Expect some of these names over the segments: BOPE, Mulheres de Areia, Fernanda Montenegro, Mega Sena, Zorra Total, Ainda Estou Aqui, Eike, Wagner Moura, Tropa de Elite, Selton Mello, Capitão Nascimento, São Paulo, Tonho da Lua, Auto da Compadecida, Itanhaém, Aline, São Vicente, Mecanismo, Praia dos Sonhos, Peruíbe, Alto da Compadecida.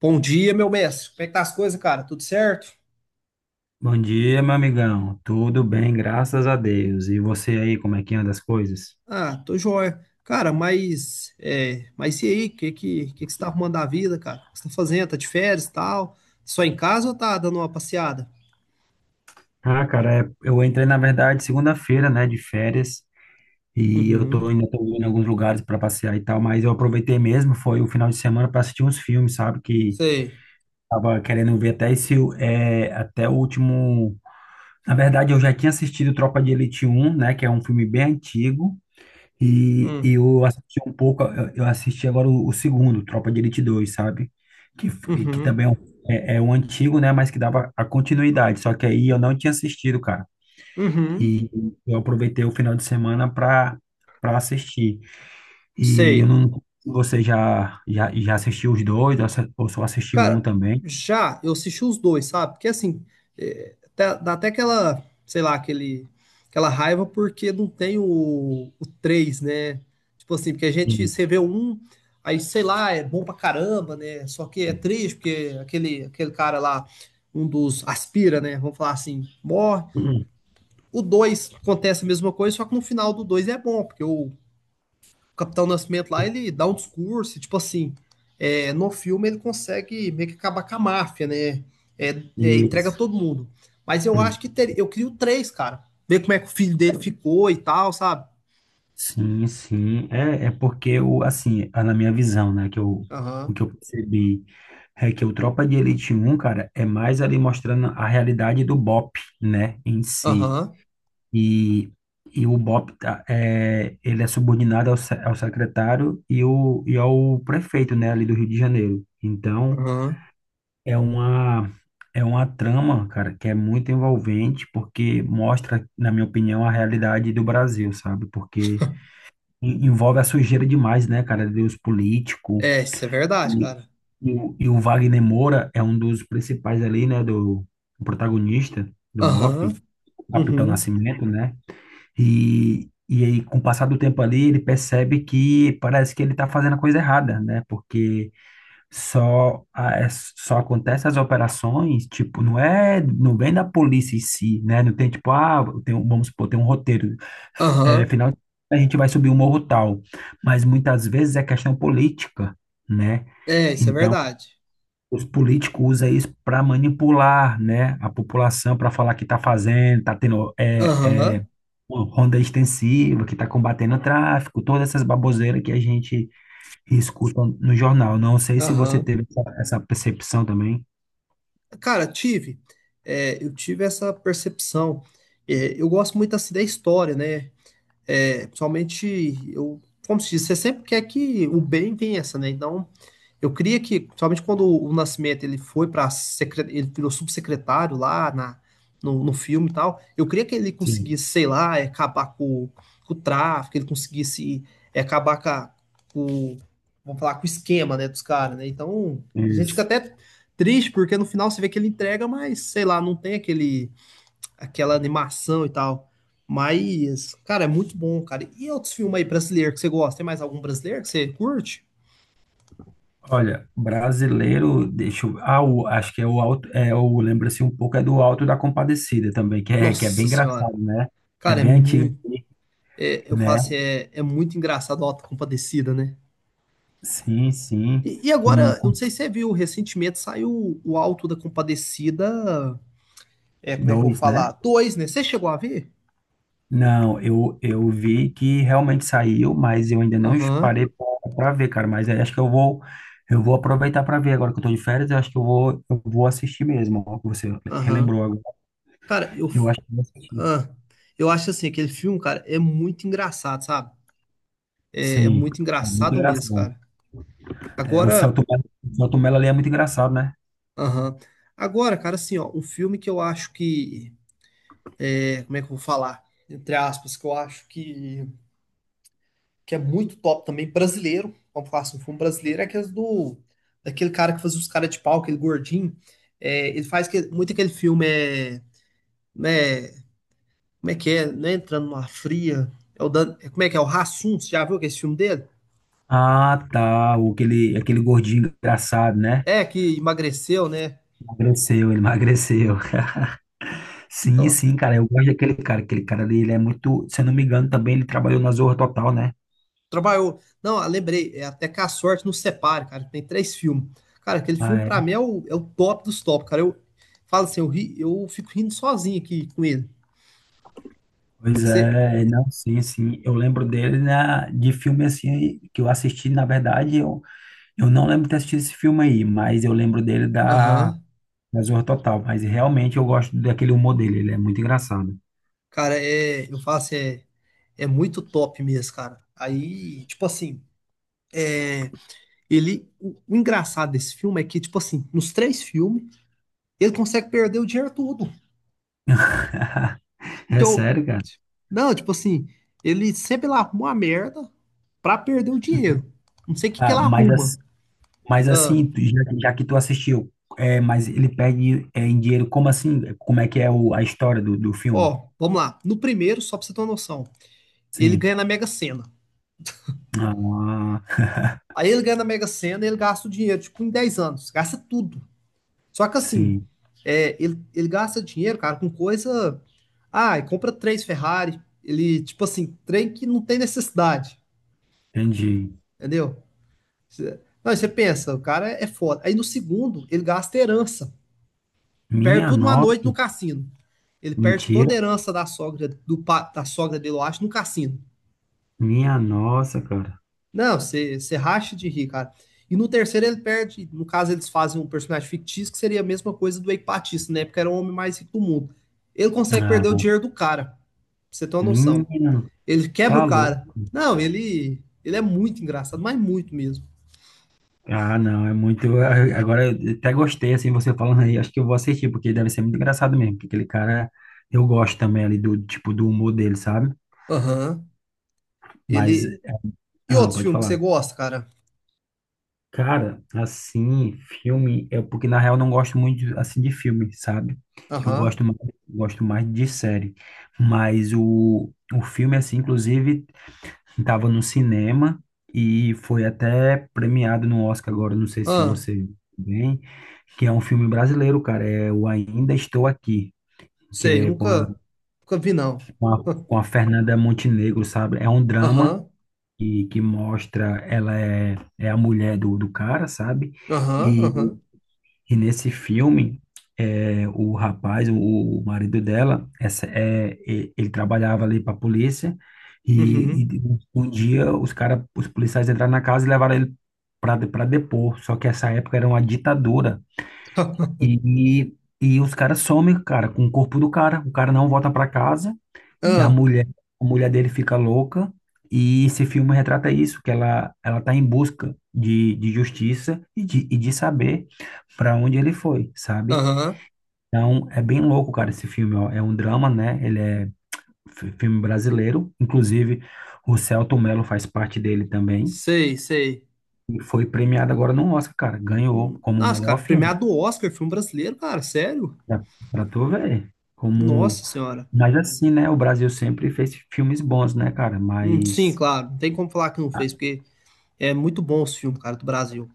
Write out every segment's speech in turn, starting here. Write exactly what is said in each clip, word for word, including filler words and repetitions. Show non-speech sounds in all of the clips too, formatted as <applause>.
Bom dia, meu mestre. Como é que tá as coisas, cara? Tudo certo? Bom dia, meu amigão. Tudo bem, graças a Deus. E você aí, como é que anda as coisas? Ah, tô joia. Cara, mas, é, mas e aí? O que, que, que, que você tá arrumando da vida, cara? O que você tá fazendo? Tá de férias e tal? Só em casa ou tá dando uma passeada? Ah, cara, é- eu entrei, na verdade, segunda-feira, né, de férias, e eu Uhum, tô ainda tô indo em alguns lugares para passear e tal, mas eu aproveitei mesmo, foi o final de semana para assistir uns filmes, sabe? Que sei. tava querendo ver até esse, é, até o último. Na verdade, eu já tinha assistido Tropa de Elite um, né, que é um filme bem antigo. E e Hum, eu assisti um pouco, eu eu assisti agora o, o segundo, Tropa de Elite dois, sabe? Que, f- que uhum, também é um, é- é um antigo, né? Mas que dava a continuidade. Só que aí eu não tinha assistido, cara. uhum, E eu aproveitei o final de semana pra, pra assistir. E eu sei. não. Você já, já, já assistiu os dois, ou só ou só assistiu um Cara, também? já eu assisti os dois, sabe? Porque assim, é, tá- dá até aquela, sei lá, aquele, aquela raiva porque não tem o, o três, né? Tipo assim, porque a gente, você Isso. vê o um, aí sei lá, é bom pra caramba, né? Só que é triste porque aquele, aquele cara lá, um dos aspira, né? Vamos falar assim, morre. O dois acontece a mesma coisa, só que no final do dois é bom, porque o, o Capitão Nascimento lá, ele dá um discurso, tipo assim, é, no filme ele consegue meio que acabar com a máfia, né? É, é, entrega Isso. todo mundo. Mas eu acho que ter, eu queria três, cara. Ver como é que o filho dele ficou e tal, sabe? Sim, sim. É, é porque o assim, a- na minha visão, né, que eu, o Aham, que eu percebi é que o Tropa de Elite um, cara, é mais ali mostrando a realidade do BOP, né, em si. aham, E, e o BOP, tá, é, ele é subordinado ao, se- ao secretário e, o, e ao prefeito, né, ali do Rio de Janeiro. Então, aham. é uma, é uma, trama, cara, que é muito envolvente, porque mostra, na minha opinião, a realidade do Brasil, sabe? Porque en- envolve a sujeira demais, né, cara? Deus político. É, isso é verdade, E, cara. e, o e o Wagner Moura é um dos principais ali, né, do, do protagonista do Aham, BOPE, Capitão uhum, Nascimento, né? E, e aí, com o passar do tempo ali, ele percebe que parece que ele tá fazendo a coisa errada, né? Porque só, a- é- só acontece as operações, tipo, não é, não vem da polícia em si, né? Não tem tipo, ah, tem, um- vamos supor, tem um roteiro, é, aham. final a gente vai subir um morro tal, mas muitas vezes é questão política, né? É, isso é Então, verdade. os políticos usam isso para manipular, né, a população, para falar que está fazendo, está tendo é, é, Aham, uma ronda extensiva, que está combatendo o tráfico, todas essas baboseiras que a gente e escutam no jornal. Não sei se você aham. teve essa, essa percepção também. Cara, tive, é, eu tive essa percepção. É, eu gosto muito assim da história, né? É, principalmente, eu, como se diz, você sempre quer que o bem vença, né? Então, eu queria que, principalmente quando o Nascimento ele foi para ele virou subsecretário lá na, no, no filme e tal, eu queria que ele Sim, conseguisse, sei lá, é, acabar com, com o tráfico, ele conseguisse é, acabar com, a- com, vamos falar, com o esquema, né, dos caras, né? Então, a gente fica isso. até triste porque no final você vê que ele entrega, mas sei lá, não tem aquele aquela animação e tal. Mas, cara, é muito bom, cara. E outros filmes aí brasileiros que você gosta? Tem mais algum brasileiro que você curte? Olha, brasileiro, deixa eu, ah, o- acho que é o alto, é o, lembra-se um pouco, é do Alto da Compadecida também, que é, que é Nossa bem senhora. engraçado, né? Que é Cara, é bem antigo, muito. É- eu falo né? assim, é, é muito engraçado o Auto da Compadecida, né? Sim, sim. E, e Um, agora, eu não um, sei se você viu, recentemente saiu o Auto da Compadecida. É, como é que eu vou dois, né? falar? Dois, né? Você chegou a ver? Não, eu, eu vi que realmente saiu, mas eu ainda não Aham, parei para ver, cara. Mas aí acho que eu vou eu vou aproveitar para ver agora que eu tô de férias. Eu acho que eu vou eu vou assistir mesmo. Ó, que você aham. relembrou agora. Cara, eu. Eu acho que eu vou assistir. ah, eu acho assim, aquele filme, cara, é muito engraçado, sabe? É, é Sim, muito é muito engraçado mesmo, engraçado. cara. É, o Agora. Celto Mello, o Selton Mello ali é muito engraçado, né? Aham. Agora, cara, assim, ó, um filme que eu acho que, é, como é que eu vou falar? Entre aspas, que eu acho que, que é muito top também, brasileiro. Vamos falar assim, um filme brasileiro é aquele do, daquele cara que fazia os caras de pau, aquele gordinho. É, ele faz que, muito aquele filme, é, né, como é que é, né, entrando numa fria. É o Dan- é, como é que é, o Rassum, você já viu que é esse filme dele? Ah, tá. o- Aquele, aquele gordinho engraçado, né? É, que emagreceu, né? Emagreceu, ele <laughs> emagreceu. Sim, Então, sim, cara. Eu gosto daquele cara. Aquele cara ali, ele é muito. Se eu não me engano, também ele trabalhou na Zorra Total, né? trabalhou. Não, ah, lembrei, é até que a sorte nos separe, cara. Tem três filmes. Cara, aquele Ah, filme é. pra mim é o, é o top dos top, cara. Eu falo assim, eu, ri, eu fico rindo sozinho aqui com ele. Pois Você. é, não, sim, sim. Eu lembro dele na, de filme assim que eu assisti, na verdade, eu, eu não lembro de ter assistido esse filme aí, mas eu lembro dele da, Aham. da Zorra Total. Mas realmente eu gosto daquele humor dele, ele é muito engraçado. Cara, é, eu falo assim, é, é muito top mesmo, cara. Aí, tipo assim, é, ele. O, o engraçado desse filme é que, tipo assim, nos três filmes, ele consegue perder o dinheiro todo. <laughs> Que É eu, sério, cara? não, tipo assim, ele sempre lá arruma uma merda pra perder o dinheiro. Não sei o que que Ah, ele mas, arruma. as- mas Ah, assim, tu- já, já que tu assistiu, é, mas ele perde, é, em dinheiro, como assim? Como é que é o, a história do, do filme? ó, vamos lá. No primeiro, só pra você ter uma noção, ele Sim. ganha na Mega Sena. Ah, Aí ele ganha na Mega Sena e ele gasta o dinheiro, tipo, em dez anos. Gasta tudo. Só que assim, sim, é, ele, ele gasta dinheiro, cara, com coisa. Ah, e compra três Ferrari. Ele, tipo assim, trem que não tem necessidade. entendi. Entendeu? Cê- Não, você pensa, o cara é foda. Aí no segundo, ele gasta herança. Perde Minha tudo uma noite no nossa, cassino. Ele perde toda a mentira. herança da sogra, do, pa- da sogra dele, eu acho, no cassino. Minha nossa, cara. Não, você você racha de rir, cara. E no terceiro ele perde, no caso eles fazem um personagem fictício que seria a mesma coisa do Eike, né? Porque era o homem mais rico do mundo. Ele consegue perder o Ah, dinheiro do cara, pra você ter uma noção. menino, Ele quebra tá o cara. louco. Não, ele ele é muito engraçado, mas muito mesmo. Ah, não, é muito. a- Agora eu até gostei, assim, você falando aí. Acho que eu vou assistir, porque deve ser muito engraçado mesmo. Porque aquele cara, eu gosto também ali do tipo do humor dele, sabe? Aham. Mas, Ele. E ah, outros pode filmes que falar. você gosta, cara? Cara, assim, filme, é porque na real eu não gosto muito de- assim de filme, sabe? Eu Aham. gosto mais, gosto mais de série. Mas o, o filme, assim, inclusive. Estava no cinema e foi até premiado no Oscar agora, não sei se Ah, você viu bem, que é um filme brasileiro, cara, é o Ainda Estou Aqui, que sei, eu é com a, nunca nunca vi não. com a, com a <laughs> Fernanda Montenegro, sabe? É um drama Aham. que, que mostra, ela é, é a mulher do, do cara, sabe? Aham, E aham. e nesse filme, é, o rapaz, o, o marido dela, essa, é, e- ele trabalhava ali para a polícia e, Uhum. e um dia os cara, os policiais entraram na casa e levaram ele para para depor. Só que essa época era uma ditadura. <laughs> E, e os caras somem, cara, com o corpo do cara. O cara não volta pra casa e a Ah, mulher, a mulher dele fica louca. E esse filme retrata isso, que ela, ela tá em busca de, de justiça e de, e de saber para onde ele foi, sabe? aham. Então, é bem louco, cara, esse filme, ó. É um drama, né? Ele é fi- filme brasileiro. Inclusive, o Selton Mello faz parte dele também. Sei, sei. E foi premiado agora no Oscar, cara. Ganhou Hum, como Nossa, melhor cara, filme. premiado do Oscar, filme brasileiro, cara, sério? Pra, pra tu ver como. Nossa senhora. Mas assim, né? O Brasil sempre fez filmes bons, né, cara? Hum, sim, Mas, claro, não tem como falar que não fez, porque é muito bom os filmes, cara, do Brasil.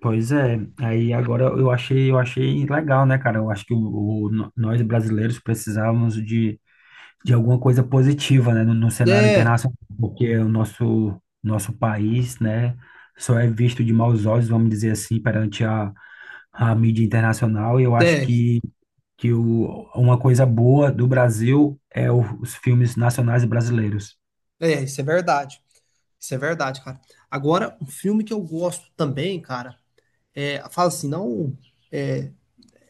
pois é. Aí agora eu achei, eu achei legal, né, cara? Eu acho que o, o- no- nós brasileiros precisávamos de, de alguma coisa positiva, né, no, no cenário É, internacional, porque o nosso nosso país, né, só é visto de maus olhos, vamos dizer assim, perante a, a mídia internacional. E eu acho é, que que o, uma coisa boa do Brasil é o- os filmes nacionais brasileiros. é, isso é verdade. Isso é verdade, cara. Agora, um filme que eu gosto também, cara, é, fala assim, não, é,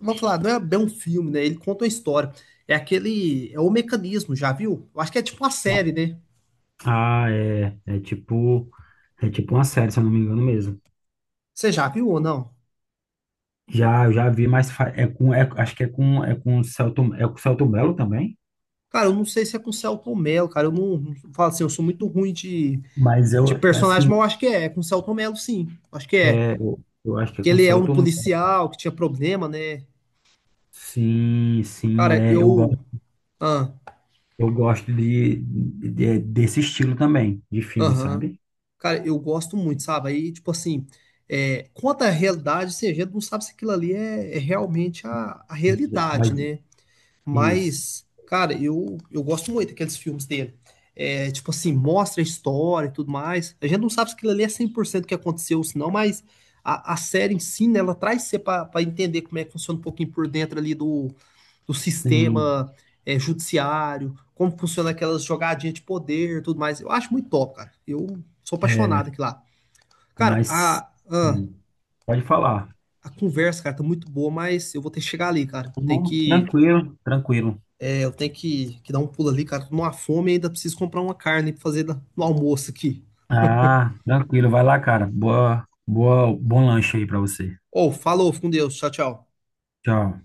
vamos falar, não é bem um filme, né? Ele conta uma história. É aquele, é o Mecanismo, já viu? Eu acho que é tipo uma série, né? Ah, é, é tipo, é tipo uma série, se eu não me engano mesmo. Você já viu ou não? Já, eu já vi, mas fa- é com, é- acho que é com, é com o Celto, é com o Celto Mello também, Cara, eu não sei se é com o Selton Mello, cara, eu não, não falo assim, eu sou muito ruim de. mas De eu, é assim, personagem, mas eu acho que é. É com o Celton Mello, sim. Acho que é. é, eu, eu acho que é Que com o ele é um Celto Mello. policial que tinha problema, né? Sim, sim, Cara, é, eu eu. gosto, Ah, eu gosto de, de- é, desse estilo também, de filme, aham. sabe? Cara, eu gosto muito, sabe? Aí, tipo assim, é, quanto à realidade, assim, a gente não sabe se aquilo ali é, é realmente a, a Mas, é, realidade, mas- né? isso, Mas, cara, eu, eu gosto muito daqueles filmes dele. É, tipo assim, mostra a história e tudo mais. A gente não sabe se aquilo ali é cem por cento o que aconteceu, senão, mas a, a série em si, né, ela traz você para entender como é que funciona um pouquinho por dentro ali do, do sim, sistema é, judiciário, como funciona aquelas jogadinhas de poder e tudo mais. Eu acho muito top, cara. Eu sou apaixonado é, aqui lá. Cara, mas, a, a, sim, pode falar. a conversa, cara, tá muito boa, mas eu vou ter que chegar ali, cara. Tem Não, que. tranquilo, tranquilo. É, eu tenho que, que dar um pulo ali, cara. Tô numa fome e ainda preciso comprar uma carne pra fazer no almoço aqui. Ah, tranquilo, vai lá, cara. Boa, boa, bom lanche aí pra você. Ou, falou, fica com Deus. Tchau, tchau. Tchau.